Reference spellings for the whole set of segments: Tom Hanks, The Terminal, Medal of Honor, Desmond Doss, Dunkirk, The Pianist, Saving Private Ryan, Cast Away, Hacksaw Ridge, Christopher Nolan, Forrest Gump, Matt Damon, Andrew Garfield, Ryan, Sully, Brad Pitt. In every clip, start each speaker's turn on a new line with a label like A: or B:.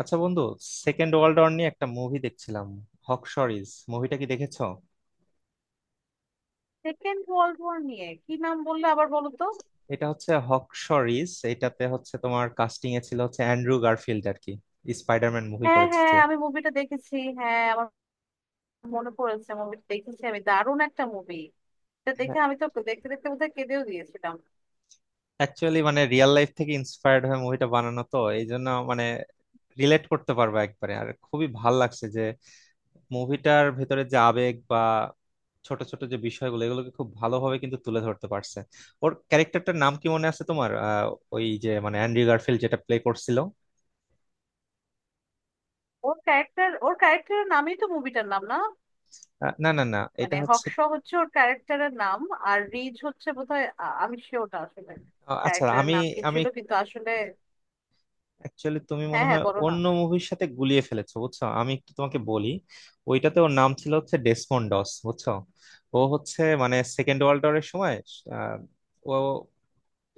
A: আচ্ছা বন্ধু, second world war নিয়ে একটা মুভি দেখছিলাম। হকশরিজ মুভিটা কি দেখেছো?
B: সেকেন্ড ওয়ার্ল্ড ওয়ার নিয়ে কি নাম বললে আবার বলো তো।
A: এটা হচ্ছে হকশরিজ। এটাতে হচ্ছে তোমার কাস্টিং এ ছিল হচ্ছে অ্যান্ড্রু গারফিল্ড আর কি, স্পাইডারম্যান মুভি
B: হ্যাঁ
A: করেছে
B: হ্যাঁ
A: যে।
B: আমি মুভিটা দেখেছি। হ্যাঁ, আমার মনে পড়েছে, মুভিটা দেখেছি আমি। দারুণ একটা মুভি। এটা দেখে আমি তো দেখতে দেখতে বোধহয় কেঁদেও দিয়েছিলাম।
A: অ্যাকচুয়ালি মানে রিয়েল লাইফ থেকে ইন্সপায়ার্ড হয়ে মুভিটা বানানো, তো এই জন্য মানে রিলেট করতে পারবে একবারে, আর খুবই ভাল লাগছে যে মুভিটার ভেতরে যে আবেগ বা ছোট ছোট যে বিষয়গুলো, এগুলোকে খুব ভালোভাবে কিন্তু তুলে ধরতে পারছে। ওর ক্যারেক্টারটার নাম কি মনে আছে তোমার? ওই যে মানে অ্যান্ড্রু গারফিল্ড যেটা প্লে করছিল।
B: ওর ক্যারেক্টারের নামই তো মুভিটার নাম না?
A: না না না, এটা
B: মানে
A: হচ্ছে,
B: হক্স হচ্ছে ওর ক্যারেক্টারের নাম, আর রিজ হচ্ছে বোধহয়, আমি শিওরটা আসলে
A: আচ্ছা,
B: ক্যারেক্টারের
A: আমি
B: নাম কি
A: আমি
B: ছিল, কিন্তু আসলে।
A: অ্যাকচুয়ালি, তুমি
B: হ্যাঁ
A: মনে
B: হ্যাঁ
A: হয়
B: বলো না।
A: অন্য মুভির সাথে গুলিয়ে ফেলেছো বুঝছো। আমি একটু তোমাকে বলি। ওইটাতে ওর নাম ছিল হচ্ছে ডেসমন্ড ডস, বুঝছো। ও হচ্ছে মানে সেকেন্ড ওয়ার্ল্ড ওয়ারের সময় আহ, ও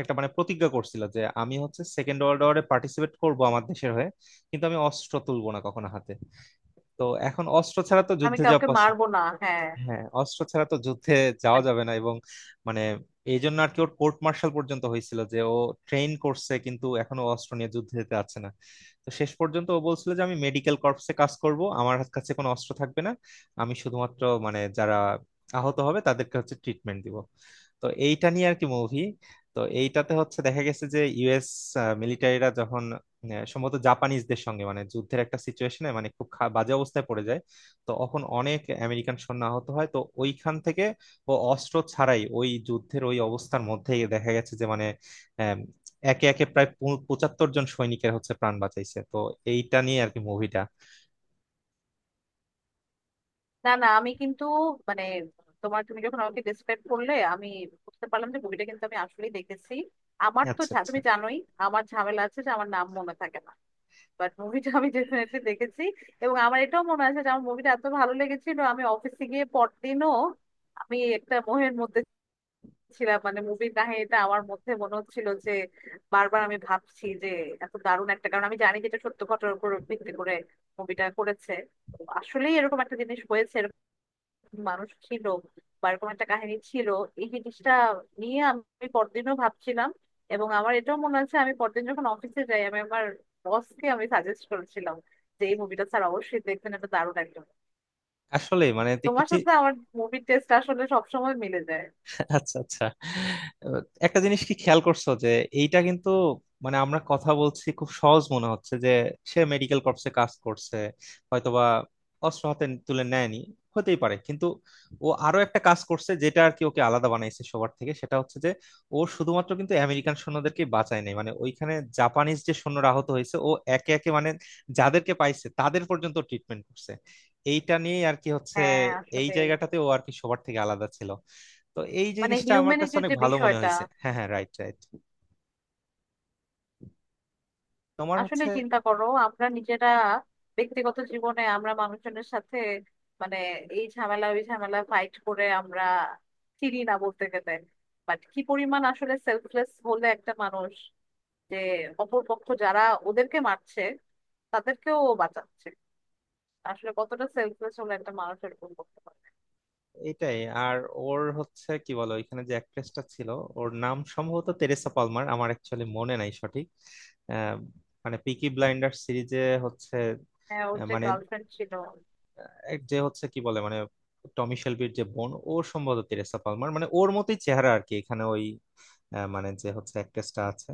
A: একটা মানে প্রতিজ্ঞা করছিল যে আমি হচ্ছে সেকেন্ড ওয়ার্ল্ড ওয়ারে পার্টিসিপেট করব আমার দেশের হয়ে, কিন্তু আমি অস্ত্র তুলবো না কখনো হাতে। তো এখন অস্ত্র ছাড়া তো
B: আমি
A: যুদ্ধে যাওয়া
B: কাউকে
A: possible,
B: মারবো না, হ্যাঁ।
A: হ্যাঁ অস্ত্র ছাড়া তো যুদ্ধে যাওয়া
B: মানে
A: যাবে না, এবং মানে এই জন্য আর কি ওর কোর্ট মার্শাল পর্যন্ত হয়েছিল যে ও ট্রেন করছে কিন্তু এখনো অস্ত্র নিয়ে যুদ্ধে যেতে যাচ্ছে না। তো শেষ পর্যন্ত ও বলছিল যে আমি মেডিকেল কর্পসে কাজ করব, আমার কাছে কোনো অস্ত্র থাকবে না, আমি শুধুমাত্র মানে যারা আহত হবে তাদেরকে হচ্ছে ট্রিটমেন্ট দিব। তো এইটা নিয়ে আর কি মুভি। তো এইটাতে হচ্ছে দেখা গেছে যে ইউএস মিলিটারিরা যখন, সম্ভবত জাপানিজদের সঙ্গে মানে যুদ্ধের একটা সিচুয়েশনে মানে খুব বাজে অবস্থায় পড়ে যায়, তখন অনেক আমেরিকান সৈন্য আহত হয়। তো ওইখান থেকে ও অস্ত্র ছাড়াই ওই যুদ্ধের ওই অবস্থার মধ্যেই দেখা গেছে যে মানে, আম, একে একে প্রায় 75 জন সৈনিকের হচ্ছে প্রাণ বাঁচাইছে। তো এইটা নিয়ে আর কি মুভিটা।
B: না না, আমি কিন্তু, মানে তুমি যখন আমাকে ডিসক্রাইব করলে আমি বুঝতে পারলাম যে মুভিটা কিন্তু আমি আসলেই দেখেছি। আমার তো
A: আচ্ছা আচ্ছা।
B: তুমি জানোই আমার ঝামেলা আছে যে আমার নাম মনে থাকে না। বাট মুভিটা আমি ডেফিনেটলি দেখেছি। এবং আমার এটাও মনে আছে যে আমার মুভিটা এত ভালো লেগেছিল, আমি অফিসে গিয়ে পরদিনও আমি একটা মোহের মধ্যে ছিলাম। মানে মুভির কাহিনীটা আমার মধ্যে মনে হচ্ছিল যে, বারবার আমি ভাবছি যে এত দারুণ একটা, কারণ আমি জানি যে এটা সত্য ঘটনার উপর ভিত্তি করে মুভিটা করেছে, আসলেই এরকম একটা জিনিস হয়েছে, মানুষ ছিল বা এরকম একটা কাহিনী ছিল। এই জিনিসটা নিয়ে আমি পরদিনও ভাবছিলাম। এবং আমার এটাও মনে আছে, আমি পরদিন যখন অফিসে যাই আমি আমার বসকে আমি সাজেস্ট করেছিলাম যে এই মুভিটা স্যার অবশ্যই দেখবেন, এটা দারুণ একদম।
A: আসলে মানে একটু
B: তোমার সাথে আমার মুভির টেস্ট আসলে সবসময় মিলে যায়।
A: আচ্ছা আচ্ছা, আহ, একটা জিনিস কি খেয়াল করছো যে এইটা কিন্তু, মানে আমরা কথা বলছি খুব সহজ মনে হচ্ছে যে সে মেডিকেল কর্পসে কাজ করছে, হয়তোবা অস্ত্র হাতে তুলে নেয়নি, হতেই পারে। কিন্তু ও আরো একটা কাজ করছে যেটা আর কি ওকে আলাদা বানাইছে সবার থেকে, সেটা হচ্ছে যে ও শুধুমাত্র কিন্তু আমেরিকান সৈন্যদেরকে বাঁচায় নাই, মানে ওইখানে জাপানিজ যে সৈন্যরা আহত হয়েছে ও একে একে মানে যাদেরকে পাইছে তাদের পর্যন্ত ট্রিটমেন্ট করছে। এইটা নিয়েই আর কি হচ্ছে,
B: হ্যাঁ
A: এই
B: আসলে,
A: জায়গাটাতে ও আর কি সবার থেকে আলাদা ছিল। তো এই
B: মানে
A: জিনিসটা আমার কাছে
B: হিউম্যানিটির
A: অনেক
B: যে
A: ভালো মনে
B: বিষয়টা,
A: হয়েছে। হ্যাঁ হ্যাঁ, রাইট রাইট। তোমার
B: আসলে
A: হচ্ছে
B: চিন্তা করো আমরা নিজেরা ব্যক্তিগত জীবনে আমরা মানুষজনের সাথে, মানে এই ঝামেলা ওই ঝামেলা ফাইট করে আমরা চিনি না বলতে গেলে। বাট কি পরিমাণ আসলে সেলফলেস হলে একটা মানুষ, যে অপরপক্ষ যারা ওদেরকে মারছে তাদেরকেও ও বাঁচাচ্ছে, আসলে কতটা সেলফলেস হলে একটা মানুষ এরকম করতে পারে।
A: এটাই। আর ওর হচ্ছে কি বলো, এখানে যে অ্যাক্ট্রেসটা ছিল, ওর নাম সম্ভবত তেরেসা পালমার, আমার অ্যাকচুয়ালি মনে নাই সঠিক, আহ, মানে পিকি ব্লাইন্ডার সিরিজে হচ্ছে,
B: হ্যাঁ, ওর যে
A: মানে
B: গার্লফ্রেন্ড ছিল।
A: এক যে হচ্ছে কি বলে মানে টমি শেলবির যে বোন, ও সম্ভবত তেরেসা পালমার মানে ওর মতোই চেহারা আর কি এখানে ওই, মানে যে হচ্ছে অ্যাক্ট্রেসটা আছে।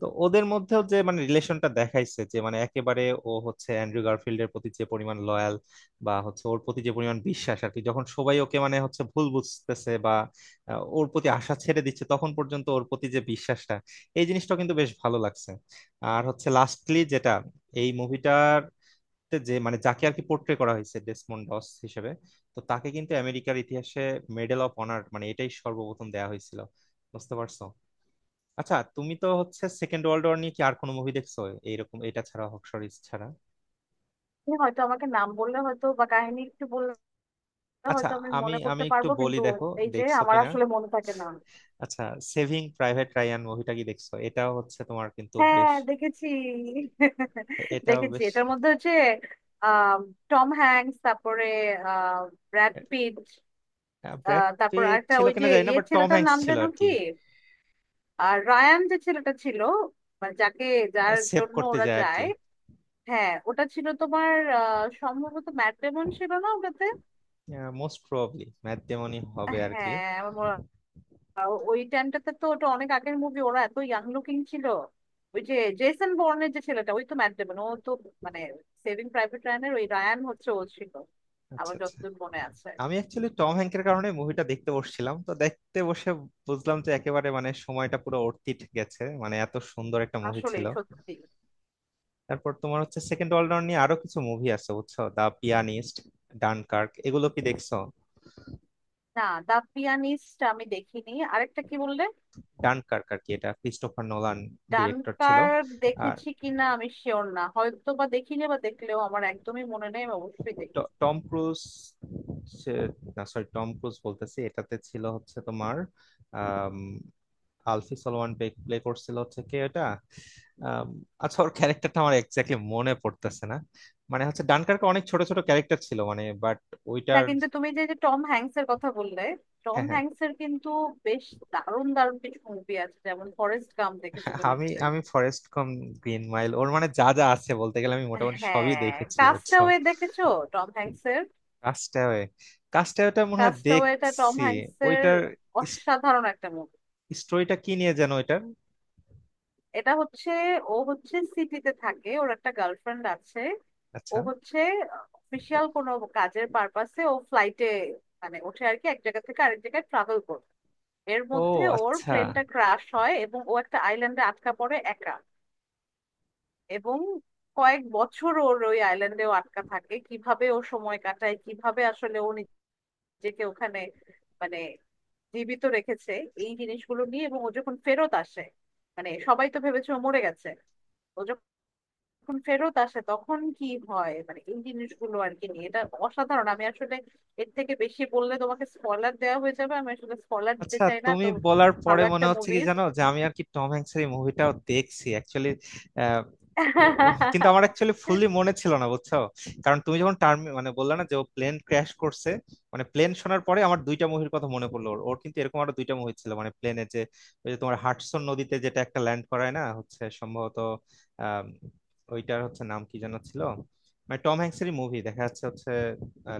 A: তো ওদের মধ্যেও যে মানে রিলেশনটা দেখাইছে যে মানে একেবারে, ও হচ্ছে অ্যান্ড্রু গারফিল্ডের প্রতি যে পরিমাণ লয়াল বা হচ্ছে ওর প্রতি যে পরিমাণ বিশ্বাস আর কি, যখন সবাই ওকে মানে হচ্ছে ভুল বুঝতেছে বা ওর প্রতি আশা ছেড়ে দিচ্ছে, তখন পর্যন্ত ওর প্রতি যে বিশ্বাসটা, এই জিনিসটা কিন্তু বেশ ভালো লাগছে। আর হচ্ছে লাস্টলি যেটা এই মুভিটার, যে মানে যাকে আর কি পোর্ট্রে করা হয়েছে ডেসমন্ড ডস হিসেবে, তো তাকে কিন্তু আমেরিকার ইতিহাসে মেডেল অফ অনার মানে এটাই সর্বপ্রথম দেয়া হয়েছিল। বুঝতে পারছো? আচ্ছা তুমি তো হচ্ছে সেকেন্ড ওয়ার্ল্ড ওয়ার নিয়ে কি আর কোনো মুভি দেখছো এইরকম, এটা ছাড়া, হক্সরিজ ছাড়া?
B: সে হয়তো আমাকে নাম বললে, হয়তো বা কাহিনী একটু বললে
A: আচ্ছা,
B: হয়তো আমি
A: আমি
B: মনে
A: আমি
B: করতে
A: একটু
B: পারবো,
A: বলি,
B: কিন্তু
A: দেখো
B: এই যে
A: দেখছো
B: আমার
A: কিনা।
B: আসলে মনে থাকে না।
A: আচ্ছা, সেভিং প্রাইভেট রায়ান মুভিটা কি দেখছো? এটাও হচ্ছে তোমার কিন্তু
B: হ্যাঁ
A: বেশ,
B: দেখেছি।
A: এটাও
B: দেখেছি,
A: বেশ।
B: এটার মধ্যে হচ্ছে আহ, টম হ্যাঙ্কস, তারপরে আহ, ব্র্যাড পিট,
A: ব্র্যাড
B: তারপর
A: পিট
B: একটা
A: ছিল
B: ওই যে
A: কিনা জানি না,
B: ইয়ে
A: বাট টম
B: ছেলেটার
A: হ্যাঙ্কস
B: নাম
A: ছিল
B: যেন
A: আর
B: কি,
A: কি।
B: আর রায়ান যে ছেলেটা ছিল, মানে যাকে, যার
A: সেভ
B: জন্য
A: করতে
B: ওরা
A: যায় আর কি।
B: যায়। হ্যাঁ, ওটা ছিল তোমার, সম্ভবত ম্যাট ডেমন ছিল না ওটাতে?
A: মোস্ট প্রবাবলি ম্যাট ডেমনই হবে আর কি।
B: হ্যাঁ আমার মনে, ওই টাইমটাতে তো, ওটা অনেক আগের মুভি, ওরা এত ইয়াং লুকিং ছিল। ওই যে জেসন বর্নের যে ছেলেটা, ওই তো ম্যাট ডেমন, ও তো মানে সেভিং প্রাইভেট রায়ানের ওই রায়ান হচ্ছে ও ছিল,
A: আচ্ছা
B: আমার
A: আচ্ছা।
B: যতদূর মনে আছে।
A: আমি অ্যাকচুয়ালি টম হ্যাংকের কারণে মুভিটা দেখতে বসছিলাম, তো দেখতে বসে বুঝলাম যে একেবারে মানে সময়টা পুরো অর্থিত গেছে, মানে এত সুন্দর একটা মুভি
B: আসলে
A: ছিল।
B: সত্যি।
A: তারপর তোমার হচ্ছে সেকেন্ড অলরাউন্ড নিয়ে আরো কিছু মুভি আছে বুঝছো, দা পিয়ানিস্ট, ডানকার্ক, এগুলো কি দেখছো?
B: না, দা পিয়ানিস্ট আমি দেখিনি। আরেকটা কি বললে?
A: ডানকার্ক আর কি, এটা ক্রিস্টোফার নোলান ডিরেক্টর ছিল।
B: ডানকার্ক
A: আর
B: দেখেছি কিনা আমি শিওর না, হয়তো বা দেখিনি, বা দেখলেও আমার একদমই মনে নেই। আমি অবশ্যই দেখি।
A: টম ক্রুজ, সে- না সরি টম ক্রুজ বলতেছি, এটাতে ছিল হচ্ছে তোমার আম, আলফি সলোয়ান প্লে করছিল হচ্ছে, কে এটা, আম, আচ্ছা ওর ক্যারেক্টারটা আমার এক্স্যাক্টলি মনে পড়তেছে না, মানে হচ্ছে ডানকার্কে অনেক ছোট ছোট ক্যারেক্টার ছিল মানে, বাট ওইটার,
B: কিন্তু তুমি যে যে টম হ্যাংস এর কথা বললে, টম
A: হ্যাঁ হ্যাঁ।
B: হ্যাংস এর কিন্তু বেশ দারুণ দারুণ কিছু মুভি আছে, যেমন ফরেস্ট গাম দেখেছো তো
A: আমি
B: নিশ্চয়ই?
A: আমি ফরেস্ট কম, গ্রিন মাইল, ওর মানে যা যা আছে বলতে গেলে আমি মোটামুটি সবই
B: হ্যাঁ,
A: দেখেছি বুঝছো।
B: কাস্টাওয়ে দেখেছো? টম হ্যাংস এর
A: কাস্টাওয়ে, কাস্টাওয়েটা মনে হয়
B: কাস্টাওয়ে, এটা টম
A: দেখছি।
B: হ্যাংস এর
A: ওইটার
B: অসাধারণ একটা মুভি।
A: স্টোরিটা কি নিয়ে যেন ওইটার?
B: এটা হচ্ছে, ও হচ্ছে সিটিতে থাকে, ওর একটা গার্লফ্রেন্ড আছে। ও
A: আচ্ছা।
B: হচ্ছে অফিসিয়াল কোনো কাজের পারপাসে ও ফ্লাইটে মানে ওঠে আর কি, এক জায়গা থেকে আরেক জায়গায় ট্রাভেল করে। এর
A: ও
B: মধ্যে ওর
A: আচ্ছা
B: প্লেনটা ক্রাশ হয় এবং ও একটা আইল্যান্ডে আটকা পড়ে একা। এবং কয়েক বছর ওর ওই আইল্যান্ডেও আটকা থাকে, কিভাবে ও সময় কাটায়, কিভাবে আসলে ও নিজেকে ওখানে মানে জীবিত রেখেছে এই জিনিসগুলো নিয়ে, এবং ও যখন ফেরত আসে, মানে সবাই তো ভেবেছে ও মরে গেছে, ও যখন ফেরত আসে তখন কি হয়, মানে এই জিনিসগুলো আর কি নিয়ে এটা। অসাধারণ, আমি আসলে এর থেকে বেশি বললে তোমাকে স্পয়লার দেওয়া হয়ে যাবে, আমি আসলে স্পয়লার দিতে
A: আচ্ছা,
B: চাই না
A: তুমি
B: তো।
A: বলার পরে
B: ভালো
A: মনে
B: একটা
A: হচ্ছে
B: মুভি।
A: কি জানো, যে আমি আর কি টম হ্যাংসের এই মুভিটাও দেখছি অ্যাকচুয়ালি, কিন্তু আমার অ্যাকচুয়ালি ফুললি মনে ছিল না বুঝছো। কারণ তুমি যখন টার্ম মানে বললে না যে ও প্লেন ক্র্যাশ করছে, মানে প্লেন শোনার পরে আমার দুইটা মুভির কথা মনে পড়লো। ওর ওর কিন্তু এরকম আরো দুইটা মুভি ছিল মানে, প্লেনে যে ওই যে তোমার হাডসন নদীতে যেটা একটা ল্যান্ড করায় না, হচ্ছে সম্ভবত, আহ ওইটার হচ্ছে নাম কি যেন ছিল, মানে টম হ্যাংসেরই মুভি দেখা যাচ্ছে হচ্ছে,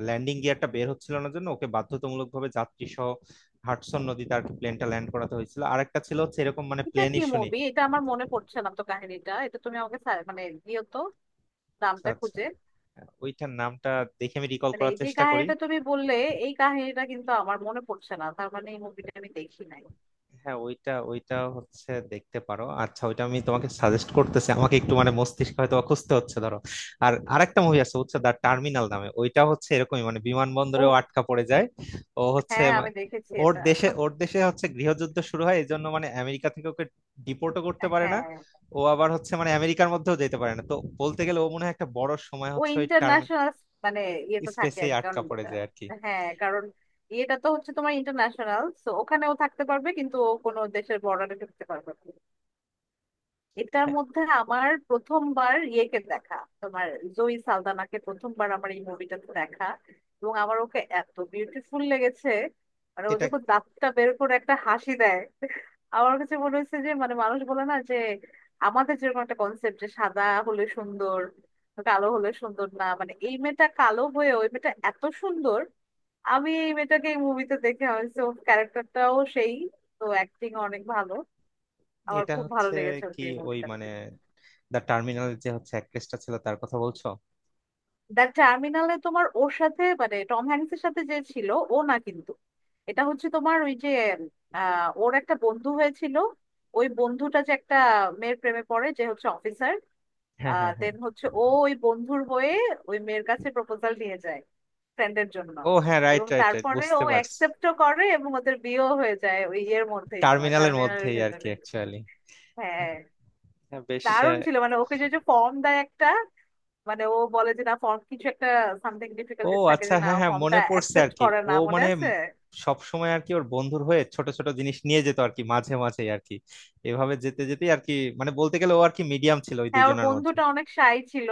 A: ল্যান্ডিং গিয়ারটা বের হচ্ছিল না জন্য ওকে বাধ্যতামূলক ভাবে যাত্রী সহ হাডসন নদীতে আর কি প্লেনটা ল্যান্ড করাতে হয়েছিল। আরেকটা ছিল হচ্ছে এরকম মানে,
B: এটা
A: প্লেন
B: কি
A: ইস্যু নেই।
B: মুভি এটা আমার মনে পড়ছে না তো, কাহিনীটা এটা তুমি আমাকে সা- মানে দিও তো
A: আচ্ছা
B: নামটা
A: আচ্ছা,
B: খুঁজে।
A: ওইটার নামটা দেখে আমি রিকল
B: মানে এই
A: করার
B: যে
A: চেষ্টা করি।
B: কাহিনীটা তুমি বললে, এই কাহিনীটা কিন্তু আমার মনে পড়ছে না, তার মানে এই মুভিটা আমি দেখি নাই।
A: হ্যাঁ ওইটা, ওইটা হচ্ছে দেখতে পারো, আচ্ছা ওইটা আমি তোমাকে সাজেস্ট করতেছি, আমাকে একটু মানে মস্তিষ্ক হয়তো অখুস্তে হচ্ছে ধরো। আর আরেকটা মুভি আছে হচ্ছে দ্য টার্মিনাল নামে, ওইটা হচ্ছে এরকমই মানে
B: ও,
A: বিমানবন্দরেও আটকা পড়ে যায়। ও হচ্ছে
B: হ্যাঁ আমি দেখেছি
A: ওর
B: এটা।
A: দেশে, ওর দেশে হচ্ছে গৃহযুদ্ধ শুরু হয় এই জন্য মানে আমেরিকা থেকে ওকে ডিপোর্টও করতে পারে না,
B: হ্যাঁ,
A: ও আবার হচ্ছে মানে আমেরিকার মধ্যেও যেতে পারে না। তো বলতে গেলে ও মনে হয় একটা বড় সময়
B: ও
A: হচ্ছে ওই টার্ম
B: ইন্টারন্যাশনাল মানে ইয়েতে থাকে
A: স্পেসেই
B: একজন।
A: আটকা পড়ে
B: আহ,
A: যায় আর কি।
B: হ্যাঁ কারণ এটা তো হচ্ছে তোমার ইন্টারন্যাশনাল, তো ওখানেও থাকতে পারবে কিন্তু ও কোনো দেশের বর্ডারে থাকতে পারবে না। এটার
A: হ্যাঁ,
B: মধ্যে আমার প্রথমবার ইয়েকে দেখা, তোমার জয়ী সালদানাকে প্রথমবার আমার এই মুভিটাতে দেখা। এবং আমার ওকে এত বিউটিফুল লেগেছে, মানে ও
A: এটা,
B: যখন দাঁতটা বের করে একটা হাসি দেয়, আমার কাছে মনে হয়েছে যে, মানে মানুষ বলে না যে আমাদের যেরকম একটা কনসেপ্ট যে সাদা হলে সুন্দর, কালো হলে সুন্দর না, মানে এই মেয়েটা কালো হয়ে ওই মেয়েটা এত সুন্দর। আমি এই মেয়েটাকে এই মুভিতে দেখে হয়েছে, ওর ক্যারেক্টারটাও সেই, তো অ্যাক্টিং অনেক ভালো, আমার
A: এটা
B: খুব ভালো
A: হচ্ছে
B: লেগেছে
A: কি
B: ওকে এই
A: ওই
B: মুভিটা।
A: মানে দ্য টার্মিনাল যে হচ্ছে অ্যাক্ট্রেসটা ছিল তার কথা বলছো?
B: দ্য টার্মিনালে তোমার ওর সাথে মানে টম হ্যাংস এর সাথে যে ছিল ও না কিন্তু, এটা হচ্ছে তোমার ওই যে, ওর একটা বন্ধু হয়েছিল, ওই বন্ধুটা যে একটা মেয়ের প্রেমে পড়ে যে হচ্ছে অফিসার,
A: হ্যাঁ হ্যাঁ হ্যাঁ।
B: দেন হচ্ছে ও ওই বন্ধুর হয়ে ওই মেয়ের কাছে প্রপোজাল নিয়ে যায় ফ্রেন্ডের জন্য।
A: ও হ্যাঁ, রাইট
B: এবং
A: রাইট রাইট,
B: তারপরে ও
A: বুঝতে পারছি।
B: অ্যাকসেপ্টও করে এবং ওদের বিয়েও হয়ে যায় ওই ইয়ের মধ্যেই, তোমার
A: টার্মিনালের
B: টার্মিনালের
A: মধ্যেই আর কি
B: ভেতরে।
A: অ্যাকচুয়ালি।
B: হ্যাঁ,
A: হ্যাঁ বেশ।
B: দারুণ ছিল মানে ওকে যে ফর্ম দেয় একটা, মানে ও বলে যে না ফর্ম কিছু একটা সামথিং
A: ও
B: ডিফিকাল্টিস থাকে
A: আচ্ছা
B: যে না,
A: হ্যাঁ হ্যাঁ,
B: ফর্মটা
A: মনে পড়ছে আর
B: অ্যাকসেপ্ট
A: কি।
B: করে
A: ও
B: না, মনে
A: মানে
B: আছে।
A: সব সময় আর কি ওর বন্ধুর হয়ে ছোট ছোট জিনিস নিয়ে যেত আর কি মাঝে মাঝে আর কি, এভাবে যেতে যেতে আর কি, মানে বলতে গেলে ও আর কি মিডিয়াম ছিল ওই
B: হ্যাঁ, ওর
A: দুইজনের মধ্যে।
B: বন্ধুটা অনেক শাই ছিল,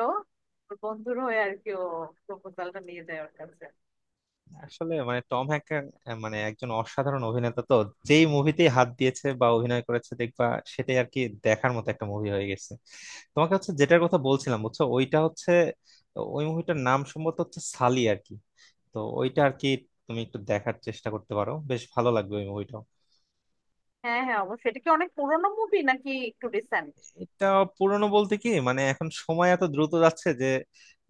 B: ওর বন্ধুর হয়ে আর কি ও প্রপোজালটা নিয়ে যায় ওর কাছে।
A: আসলে মানে টম হ্যাঙ্ক মানে একজন অসাধারণ অভিনেতা তো, যেই মুভিতেই হাত দিয়েছে বা অভিনয় করেছে দেখবা সেটাই আর কি দেখার মতো একটা মুভি হয়ে গেছে। তোমাকে হচ্ছে যেটার কথা বলছিলাম বুঝছো, ওইটা হচ্ছে, ওই মুভিটার নাম সম্ভবত হচ্ছে সালি আর কি। তো ওইটা আর কি তুমি একটু দেখার চেষ্টা করতে পারো, বেশ ভালো লাগবে ওই মুভিটা।
B: হ্যাঁ হ্যাঁ, অবশ্যই। এটা কি অনেক পুরোনো মুভি নাকি একটু রিসেন্ট?
A: এটা পুরনো বলতে কি, মানে এখন সময় এত দ্রুত যাচ্ছে যে,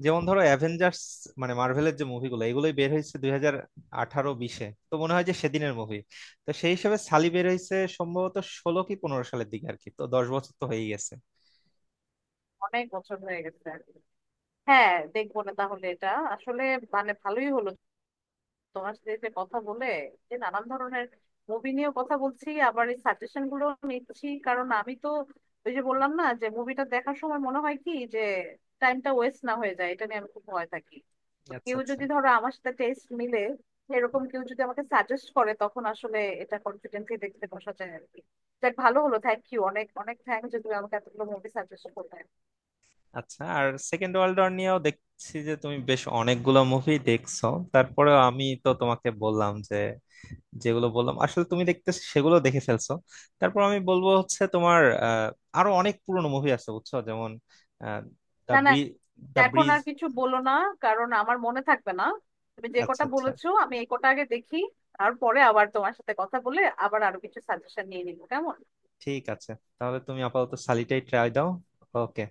A: যেমন ধরো অ্যাভেঞ্জার্স মানে মার্ভেলের যে মুভিগুলো এগুলোই বের হয়েছে 2018 20-শে, তো মনে হয় যে সেদিনের মুভি। তো সেই হিসেবে সালি বের হয়েছে সম্ভবত 2016 কি 2015 সালের দিকে আর কি, তো 10 বছর তো হয়েই গেছে।
B: অনেক বছর হয়ে গেছে আর কি। হ্যাঁ, দেখবো না তাহলে এটা। আসলে মানে ভালোই হলো তোমার সাথে যে কথা বলে, যে নানান ধরনের মুভি নিয়েও কথা বলছি, আবার এই সাজেশন গুলো নিচ্ছি, কারণ আমি তো ওই যে বললাম না যে মুভিটা দেখার সময় মনে হয় কি যে টাইমটা ওয়েস্ট না হয়ে যায়, এটা নিয়ে আমি খুব ভয় থাকি। তো
A: আচ্ছা
B: কেউ
A: আচ্ছা
B: যদি ধরো আমার সাথে টেস্ট মিলে, এরকম কেউ যদি আমাকে সাজেস্ট করে, তখন আসলে এটা কনফিডেন্টলি দেখতে বসা যায় আর কি। যাক, ভালো হলো, থ্যাংক ইউ, অনেক অনেক থ্যাংক যে তুমি আমাকে এতগুলো মুভি সাজেস্ট করলে।
A: আচ্ছা। আর সেকেন্ড ওয়ার্ল্ড ওয়ার নিয়েও দেখছি যে তুমি বেশ অনেকগুলো মুভি দেখছো। তারপরে আমি তো তোমাকে বললাম যে, যেগুলো বললাম আসলে তুমি দেখতে, সেগুলো দেখে ফেলছো। তারপর আমি বলবো হচ্ছে তোমার আরো অনেক পুরনো মুভি আছে বুঝছো, যেমন দ্য
B: না না,
A: ব্রিজ, দ্য
B: এখন
A: ব্রিজ।
B: আর কিছু বলো না, কারণ আমার মনে থাকবে না। তুমি যে
A: আচ্ছা
B: কটা
A: আচ্ছা।
B: বলেছো আমি এই কটা আগে দেখি, তারপরে আবার তোমার সাথে কথা বলে আবার আরো কিছু সাজেশন নিয়ে নিবো, কেমন?
A: ঠিক আছে, তাহলে তুমি আপাতত সালিটাই ট্রাই দাও। ওকে।